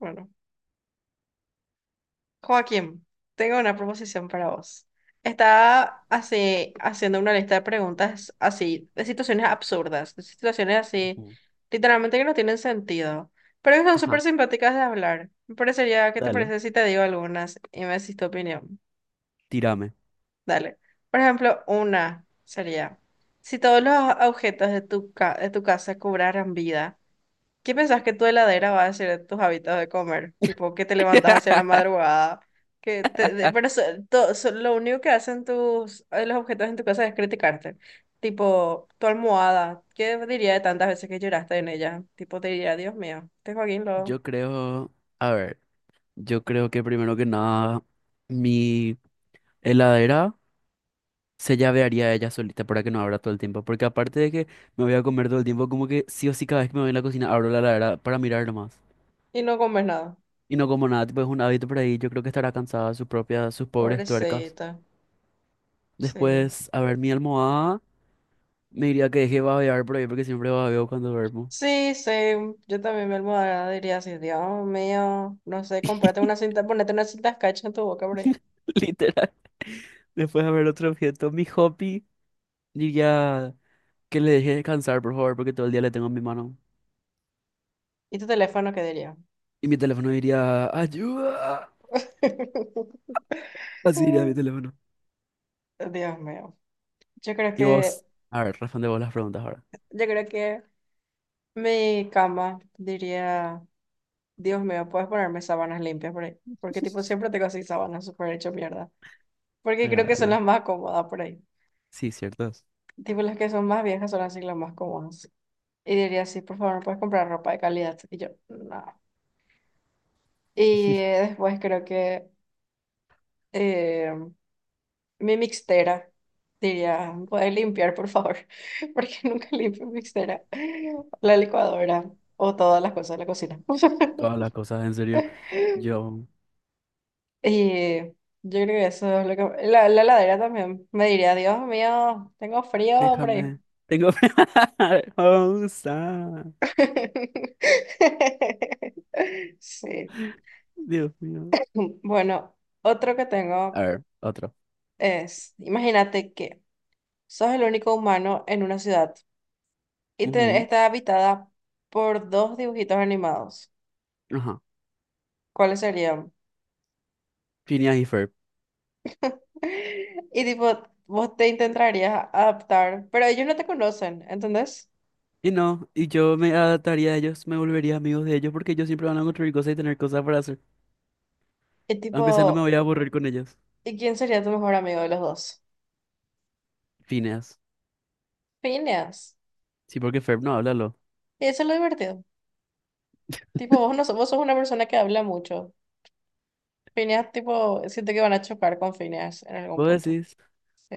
Bueno, Joaquín, tengo una proposición para vos. Estaba así haciendo una lista de preguntas así, de situaciones absurdas, de situaciones así, Ujú. literalmente que no tienen sentido, pero que son Ajá. súper simpáticas de hablar. Me parecería, ¿qué te Dale, parece si te digo algunas y me decís tu opinión? tírame. Dale. Por ejemplo, una sería, si todos los objetos de tu de tu casa cobraran vida, ¿qué pensás que tu heladera va a ser tus hábitos de comer? Tipo, que te levantas hacia la madrugada, que te, lo único que hacen tus los objetos en tu casa es criticarte. Tipo, tu almohada, ¿qué diría de tantas veces que lloraste en ella? Tipo, te diría, Dios mío, este Joaquín lo... Yo creo, a ver, yo creo que primero que nada, mi heladera se llavearía ella solita para que no abra todo el tiempo, porque aparte de que me voy a comer todo el tiempo, como que sí o sí cada vez que me voy a la cocina abro la heladera para mirar nomás. Y no comes nada. Y no como nada, tipo es un hábito por ahí, yo creo que estará cansada de sus propias, sus pobres tuercas. Pobrecita. Sí. Después, a ver, mi almohada me diría que deje babear por ahí porque siempre babeo cuando duermo. Sí, yo también mi almohada diría así, Dios mío, no sé, comprate una cinta, ponete una cinta escarcha en tu boca, por ahí. Literal. Después de ver otro objeto, mi hobby diría que le deje descansar, por favor, porque todo el día le tengo en mi mano. ¿Y tu teléfono qué diría? Y mi teléfono diría, ayuda. Así diría mi teléfono. Dios mío. Yo creo Y que, vos, a ver, responde vos las preguntas ahora. yo creo que mi cama diría, Dios mío, puedes ponerme sábanas limpias por ahí. Porque tipo siempre tengo así sábanas súper hecho mierda. Porque creo que son Real. las más cómodas por ahí. Sí, ciertas. Tipo las que son más viejas son así las más cómodas. Y diría así, por favor, ¿me puedes comprar ropa de calidad? Y yo, no. Y después creo que eh, mi mixtera, diría, puede limpiar, por favor, porque nunca limpio mixtera, la licuadora o todas las cosas de la cocina. Todas las cosas, en serio. Yo, Y yo creo que eso es lo que... La heladera también me diría, Dios mío, tengo frío por ahí. déjame. Tengo. Pausa. Sí. Dios mío. Bueno, otro que A tengo ver, otro. es, imagínate que sos el único humano en una ciudad y Ujú. está habitada por dos dibujitos animados. Ajá. ¿Cuáles serían? Phineas y Ferb. Y tipo, vos te intentarías adaptar, pero ellos no te conocen, ¿entendés? Y no, y yo me adaptaría a ellos, me volvería amigos de ellos porque ellos siempre van a construir cosas y tener cosas para hacer. Y Aunque sea, no me tipo, voy a aburrir con ellos. ¿y quién sería tu mejor amigo de los dos? Phineas. Phineas. Sí, porque Ferb no, háblalo. Y eso es lo divertido. Tipo, vos no sos, vos sos una persona que habla mucho. Phineas, tipo, siento que van a chocar con Phineas en algún Vos punto. decís, Sí,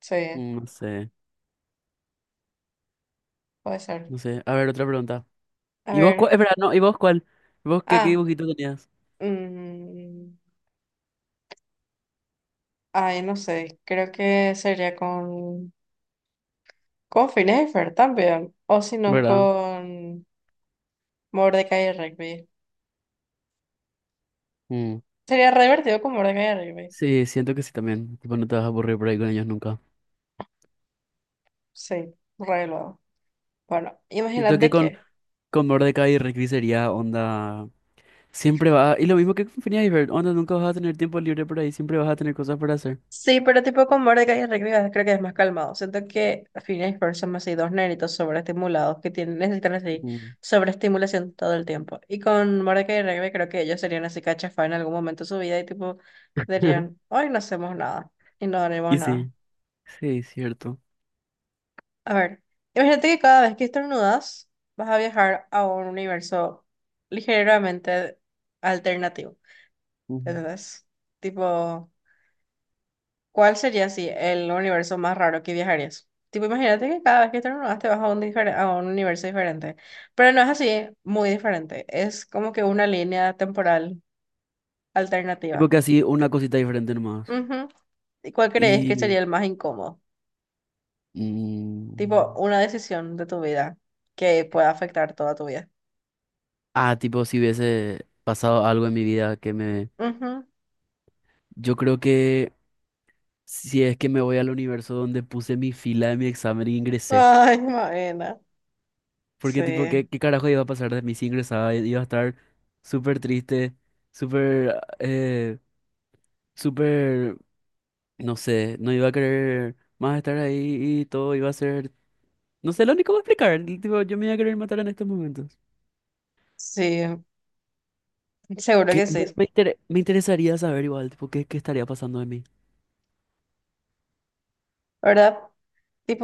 sí, no sé, puede ser. no sé. A ver, otra pregunta. A ¿Y vos cuál? ver. Espera, no, ¿y vos cuál? ¿Y vos qué, Ah, dibujito tenías? mm, ay, no sé. Creo que sería con Phineas y Fer también. O si no, ¿Verdad? con. Mordecai y Rigby. Mm. Sería re divertido con Mordecai y Rigby. Sí, siento que sí también. Tipo, no te vas a aburrir por ahí con ellos nunca. Sí, re luego. Bueno, Siento que imagínate con, que. con Mordecai y Rigby sería onda. Siempre va. Y lo mismo que con Phineas y Ferb, onda, nunca vas a tener tiempo libre por ahí. Siempre vas a tener cosas para hacer. Sí, pero tipo con Mordecai y Rigby creo que es más calmado. Siento que Phineas y Ferb son así dos nenitos sobreestimulados que tienen, necesitan así Ujú. sobreestimulación todo el tiempo. Y con Mordecai y Rigby creo que ellos serían así cachafá en algún momento de su vida y tipo dirían, hoy no hacemos nada y no haremos Y nada. sí, sí, cierto. A ver, imagínate que cada vez que estornudas vas a viajar a un universo ligeramente alternativo. Ujú. ¿Entendés? Tipo, ¿cuál sería así el universo más raro que viajarías? Tipo, imagínate que cada vez que estornudas te vas a a un universo diferente. Pero no es así, muy diferente. Es como que una línea temporal Tipo alternativa. que así una cosita diferente nomás. Ujú. ¿Y cuál crees que sería Y el más incómodo? Mm, Tipo, una decisión de tu vida que pueda afectar toda tu vida. ah, tipo, si hubiese pasado algo en mi vida que me... Ujú. Yo creo que si es que me voy al universo donde puse mi fila de mi examen y ingresé. Ay, Maena. Porque tipo, ¿qué, Sí, qué carajo iba a pasar de mí si ingresaba? Iba a estar súper triste, súper, ah, eh, súper, no sé, no iba a querer más estar ahí y todo iba a ser... No sé, lo único que voy a explicar, el tipo, yo me iba a querer matar en estos momentos. sí, seguro que sí. Pero me interesaría saber igual, tipo, qué estaría pasando de mí. ¿Verdad?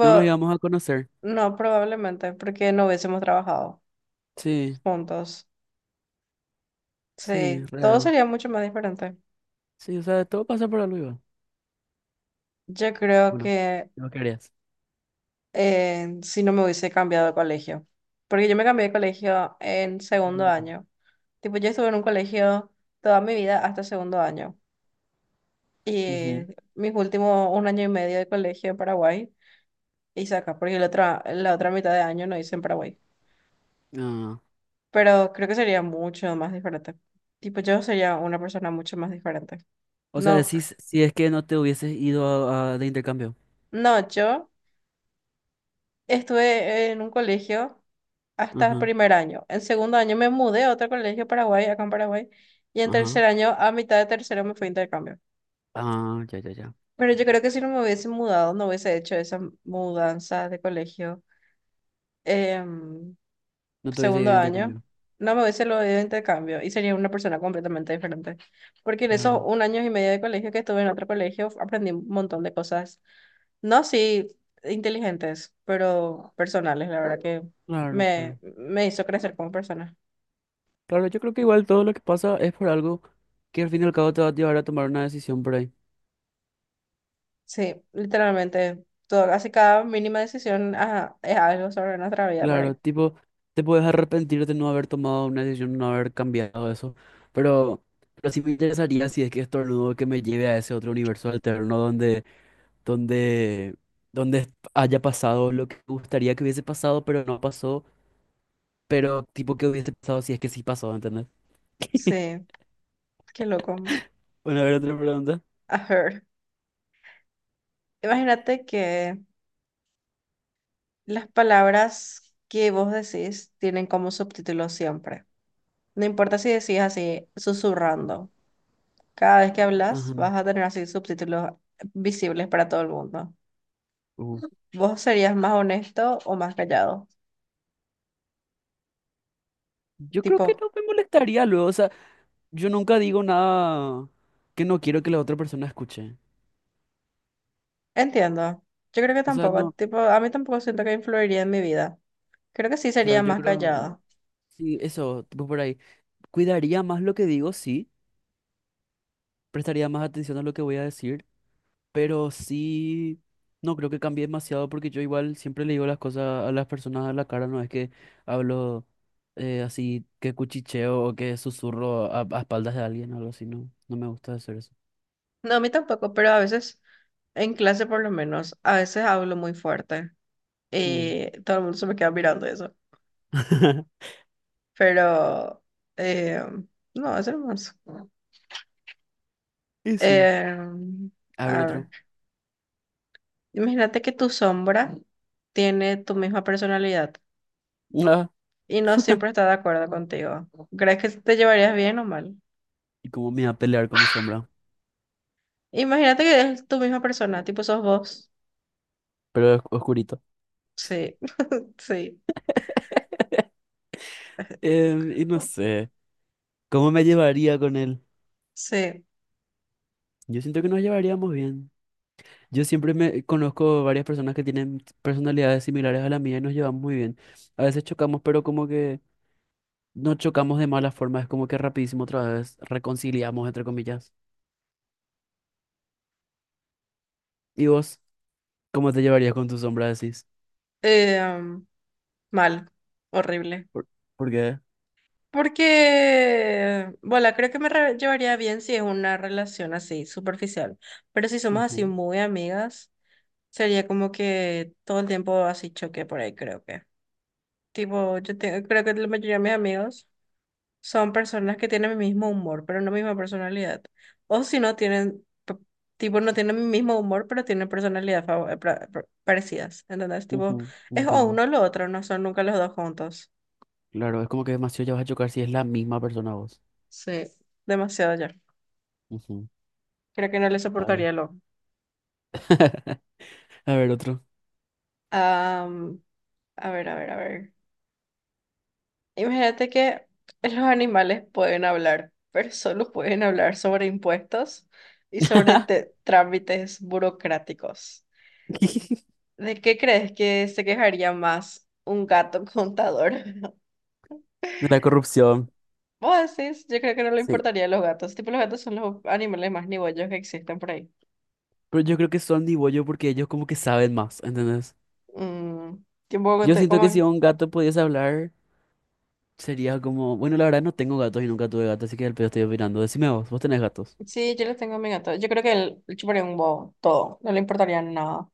No nos íbamos a conocer. no, probablemente, porque no hubiésemos trabajado Sí, juntos. sí, Sí, todo real. sería mucho más diferente. Sí, o sea, todo pasa por algo, Iván. Yo creo Bueno, que no querías. Si no me hubiese cambiado de colegio, porque yo me cambié de colegio en segundo Mm. año. Tipo, yo estuve en un colegio toda mi vida hasta segundo año. Y Ujú. mis últimos un año y medio de colegio en Paraguay hice acá, porque la otra mitad de año no hice en Paraguay. Ah. Pero creo que sería mucho más diferente. Tipo, yo sería una persona mucho más diferente. O sea, No, decís si es que no te hubieses ido de intercambio. no, yo estuve en un colegio hasta Ajá, primer año. En segundo año me mudé a otro colegio Paraguay, acá en Paraguay, y en ajá. tercer año, a mitad de tercero, me fui a intercambio. Ah, ya, ya, ya. Pero yo creo que si no me hubiese mudado, no hubiese hecho esa mudanza de colegio. Em, No te hubieses ido segundo de año, intercambio. no me hubiese lo de intercambio y sería una persona completamente diferente. Porque en esos Claro, un año y medio de colegio que estuve en otro colegio, aprendí un montón de cosas. No, sí, inteligentes, pero personales, la verdad que claro, claro. me hizo crecer como persona. Claro, yo creo que igual todo lo que pasa es por algo que al fin y al cabo te va a llevar a tomar una decisión por ahí. Sí, literalmente, todo, casi cada mínima decisión ajá, es algo sobre nuestra vida por Claro, ahí. tipo, te puedes arrepentir de no haber tomado una decisión, no haber cambiado eso, pero, pero sí me interesaría si es que estornudo que me lleve a ese otro universo alterno donde, donde haya pasado lo que me gustaría que hubiese pasado, pero no pasó, pero tipo que hubiese pasado si es que sí pasó, ¿entendés? Sí, qué loco. Bueno, a ver, otra pregunta. A ver, imagínate que las palabras que vos decís tienen como subtítulo siempre. No importa si decís así, susurrando. Cada vez que hablas, Ajá. vas a tener así subtítulos visibles para todo el mundo. Uh. ¿Vos serías más honesto o más callado? Yo creo que Tipo, no me molestaría luego, o sea, yo nunca digo nada que no quiero que la otra persona escuche. entiendo. Yo creo que O sea, tampoco. no, Tipo, a mí tampoco siento que influiría en mi vida. Creo que sí claro, sería yo más creo. callado. Sí, eso, tipo por ahí. Cuidaría más lo que digo, sí. Prestaría más atención a lo que voy a decir, pero sí, no creo que cambie demasiado porque yo igual siempre le digo las cosas a las personas a la cara, no es que hablo así que cuchicheo o que susurro a espaldas de alguien o algo así, no, no me gusta hacer eso. No, a mí tampoco, pero a veces, en clase por lo menos, a veces hablo muy fuerte. Mm. Y todo el mundo se me queda mirando eso. Pero, eh, no, es hermoso. Y sí, Eh, a ver a ver, otro. imagínate que tu sombra tiene tu misma personalidad Ah, y no siempre está de acuerdo contigo. ¿Crees que te llevarías bien o mal? y cómo me iba a pelear con mi sombra, Imagínate que es tu misma persona, tipo sos vos. pero es oscurito. Sí, sí, Y no sé, ¿cómo me llevaría con él? sí. Yo siento que nos llevaríamos bien. Yo siempre me conozco varias personas que tienen personalidades similares a la mía y nos llevamos muy bien. A veces chocamos, pero como que no chocamos de mala forma, es como que rapidísimo otra vez reconciliamos, entre comillas. ¿Y vos cómo te llevarías con tu sombra, decís? Eh, mal, horrible. ¿Por, por qué? Porque, bueno, creo que me llevaría bien si es una relación así, superficial. Pero si somos así Ujú, muy amigas. Sería como que todo el tiempo así choque por ahí, creo que. Tipo, yo tengo, creo que la mayoría de mis amigos son personas que tienen mi mismo humor, pero no mi misma personalidad. O si no tienen, tipo, no tienen mi mismo humor, pero tienen personalidad parecidas. ¿Entendés? Tipo, ujú, es o entiendo. uno o lo otro, no son nunca los dos juntos. Claro, es como que demasiado ya vas a chocar si es la misma persona vos. Sí. Demasiado ya. Ujú. Creo que no le A ver. soportaría lo. A ver, otro. Am, a ver, a ver. Imagínate que los animales pueden hablar, pero solo pueden hablar sobre impuestos y sobre trámites burocráticos. ¿De qué crees que se quejaría más un gato contador? De la corrupción. Vos decís, yo creo que no le Sí. importaría a los gatos. Tipo, los gatos son los animales más nibollos que existen por ahí. Pero yo creo que son ni bollo porque ellos como que saben más, ¿entendés? Mm, tipo, Yo te- siento que si como, un gato pudiese hablar, sería como, bueno, la verdad no tengo gatos y nunca tuve gatos, así que al pedo estoy opinando. Decime vos, vos tenés gatos. sí, yo le tengo a mi gato. Yo creo que él le chuparía un bobo todo. No le importaría nada.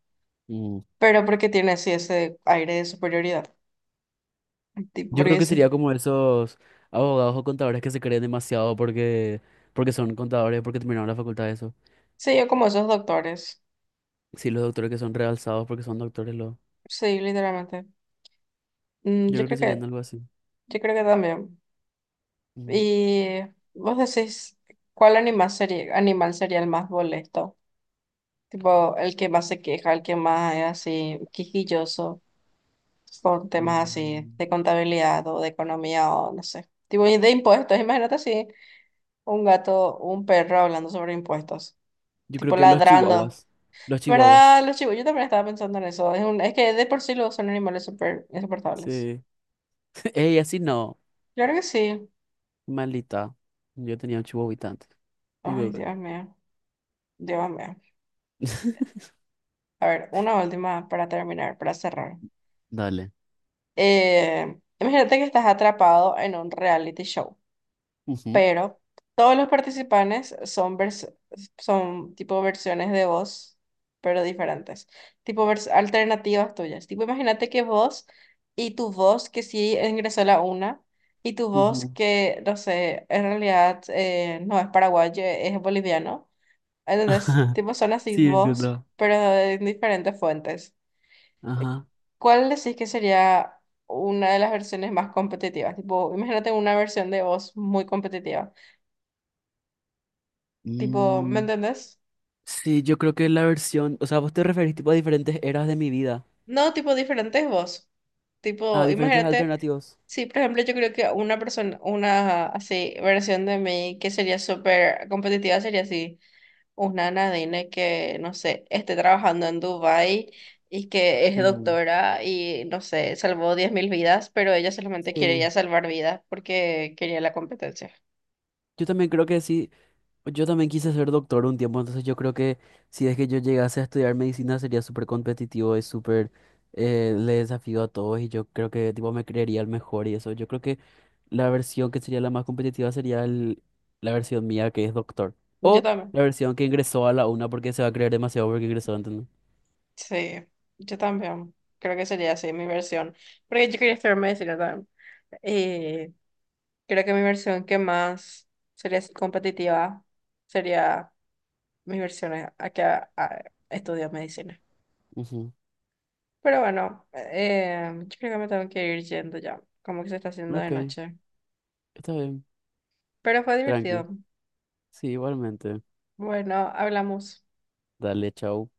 Mm. Pero porque tiene así ese aire de superioridad. Tipo, Yo porque creo que sería dice. como esos abogados o contadores que se creen demasiado porque son contadores, porque terminaron la facultad de eso. Sí, yo como esos doctores. Sí, los doctores que son realzados porque son doctores. Sí, literalmente. Mm, Yo yo creo que creo serían que, algo así. yo creo que también. Mm. Y vos decís, ¿cuál animal sería el más molesto? Tipo, el que más se queja, el que más es así, quisquilloso, con temas así Mm. de contabilidad o de economía o no sé. Tipo, y de impuestos. Imagínate así, un gato, un perro hablando sobre impuestos. Yo creo Tipo, que los ladrando. chihuahuas. Los chihuahuas. ¿Verdad, los chivos? Yo también estaba pensando en eso. Es un, es que de por sí los son animales súper insoportables. Sí. Ey, así no. Yo creo que sí. Maldita. Yo tenía un chihuahuita antes. Mi Ay, bebé. Dios mío, Dios mío. A ver, una última para terminar, para cerrar. Dale. Imagínate que estás atrapado en un reality show, Ujú. pero todos los participantes son, son tipo versiones de vos, pero diferentes, tipo alternativas tuyas. Tipo, imagínate que vos y tu voz que sí ingresó la una. Y tu voz Ujú. que, no sé, en realidad no es paraguayo, es boliviano, entonces Ajá. tipo, son así Sí, vos, entiendo. pero de diferentes fuentes. Ajá. ¿Cuál decís que sería una de las versiones más competitivas? Tipo, imagínate una versión de voz muy competitiva. Tipo, ¿me Mm, entendés? sí, yo creo que la versión, o sea, vos te referís tipo a diferentes eras de mi vida, No, tipo, diferentes voz. a Tipo, diferentes imagínate, alternativos. sí, por ejemplo, yo creo que una persona, una así versión de mí que sería súper competitiva sería así. Una Nadine que, no sé, esté trabajando en Dubai y que es Mm. doctora y, no sé, salvó 10.000 vidas, pero ella solamente Sí. quería salvar vidas porque quería la competencia. Yo también creo que sí, yo también quise ser doctor un tiempo, entonces yo creo que si es que yo llegase a estudiar medicina sería súper competitivo y súper le desafío a todos y yo creo que tipo me creería el mejor y eso. Yo creo que la versión que sería la más competitiva sería la versión mía que es doctor. Yo O también, la versión que ingresó a la una porque se va a creer demasiado porque ingresó, ¿entendés? sí, yo también. Creo que sería así mi versión, porque yo quería estudiar medicina también. Y creo que mi versión que más sería así competitiva sería mi versión a que a- estudio medicina. Ujú. Pero bueno, yo creo que me tengo que ir yendo ya, como que se está haciendo de Ok, noche. está bien. Pero fue Tranqui. divertido. Sí, igualmente. Bueno, hablamos. Dale, chao.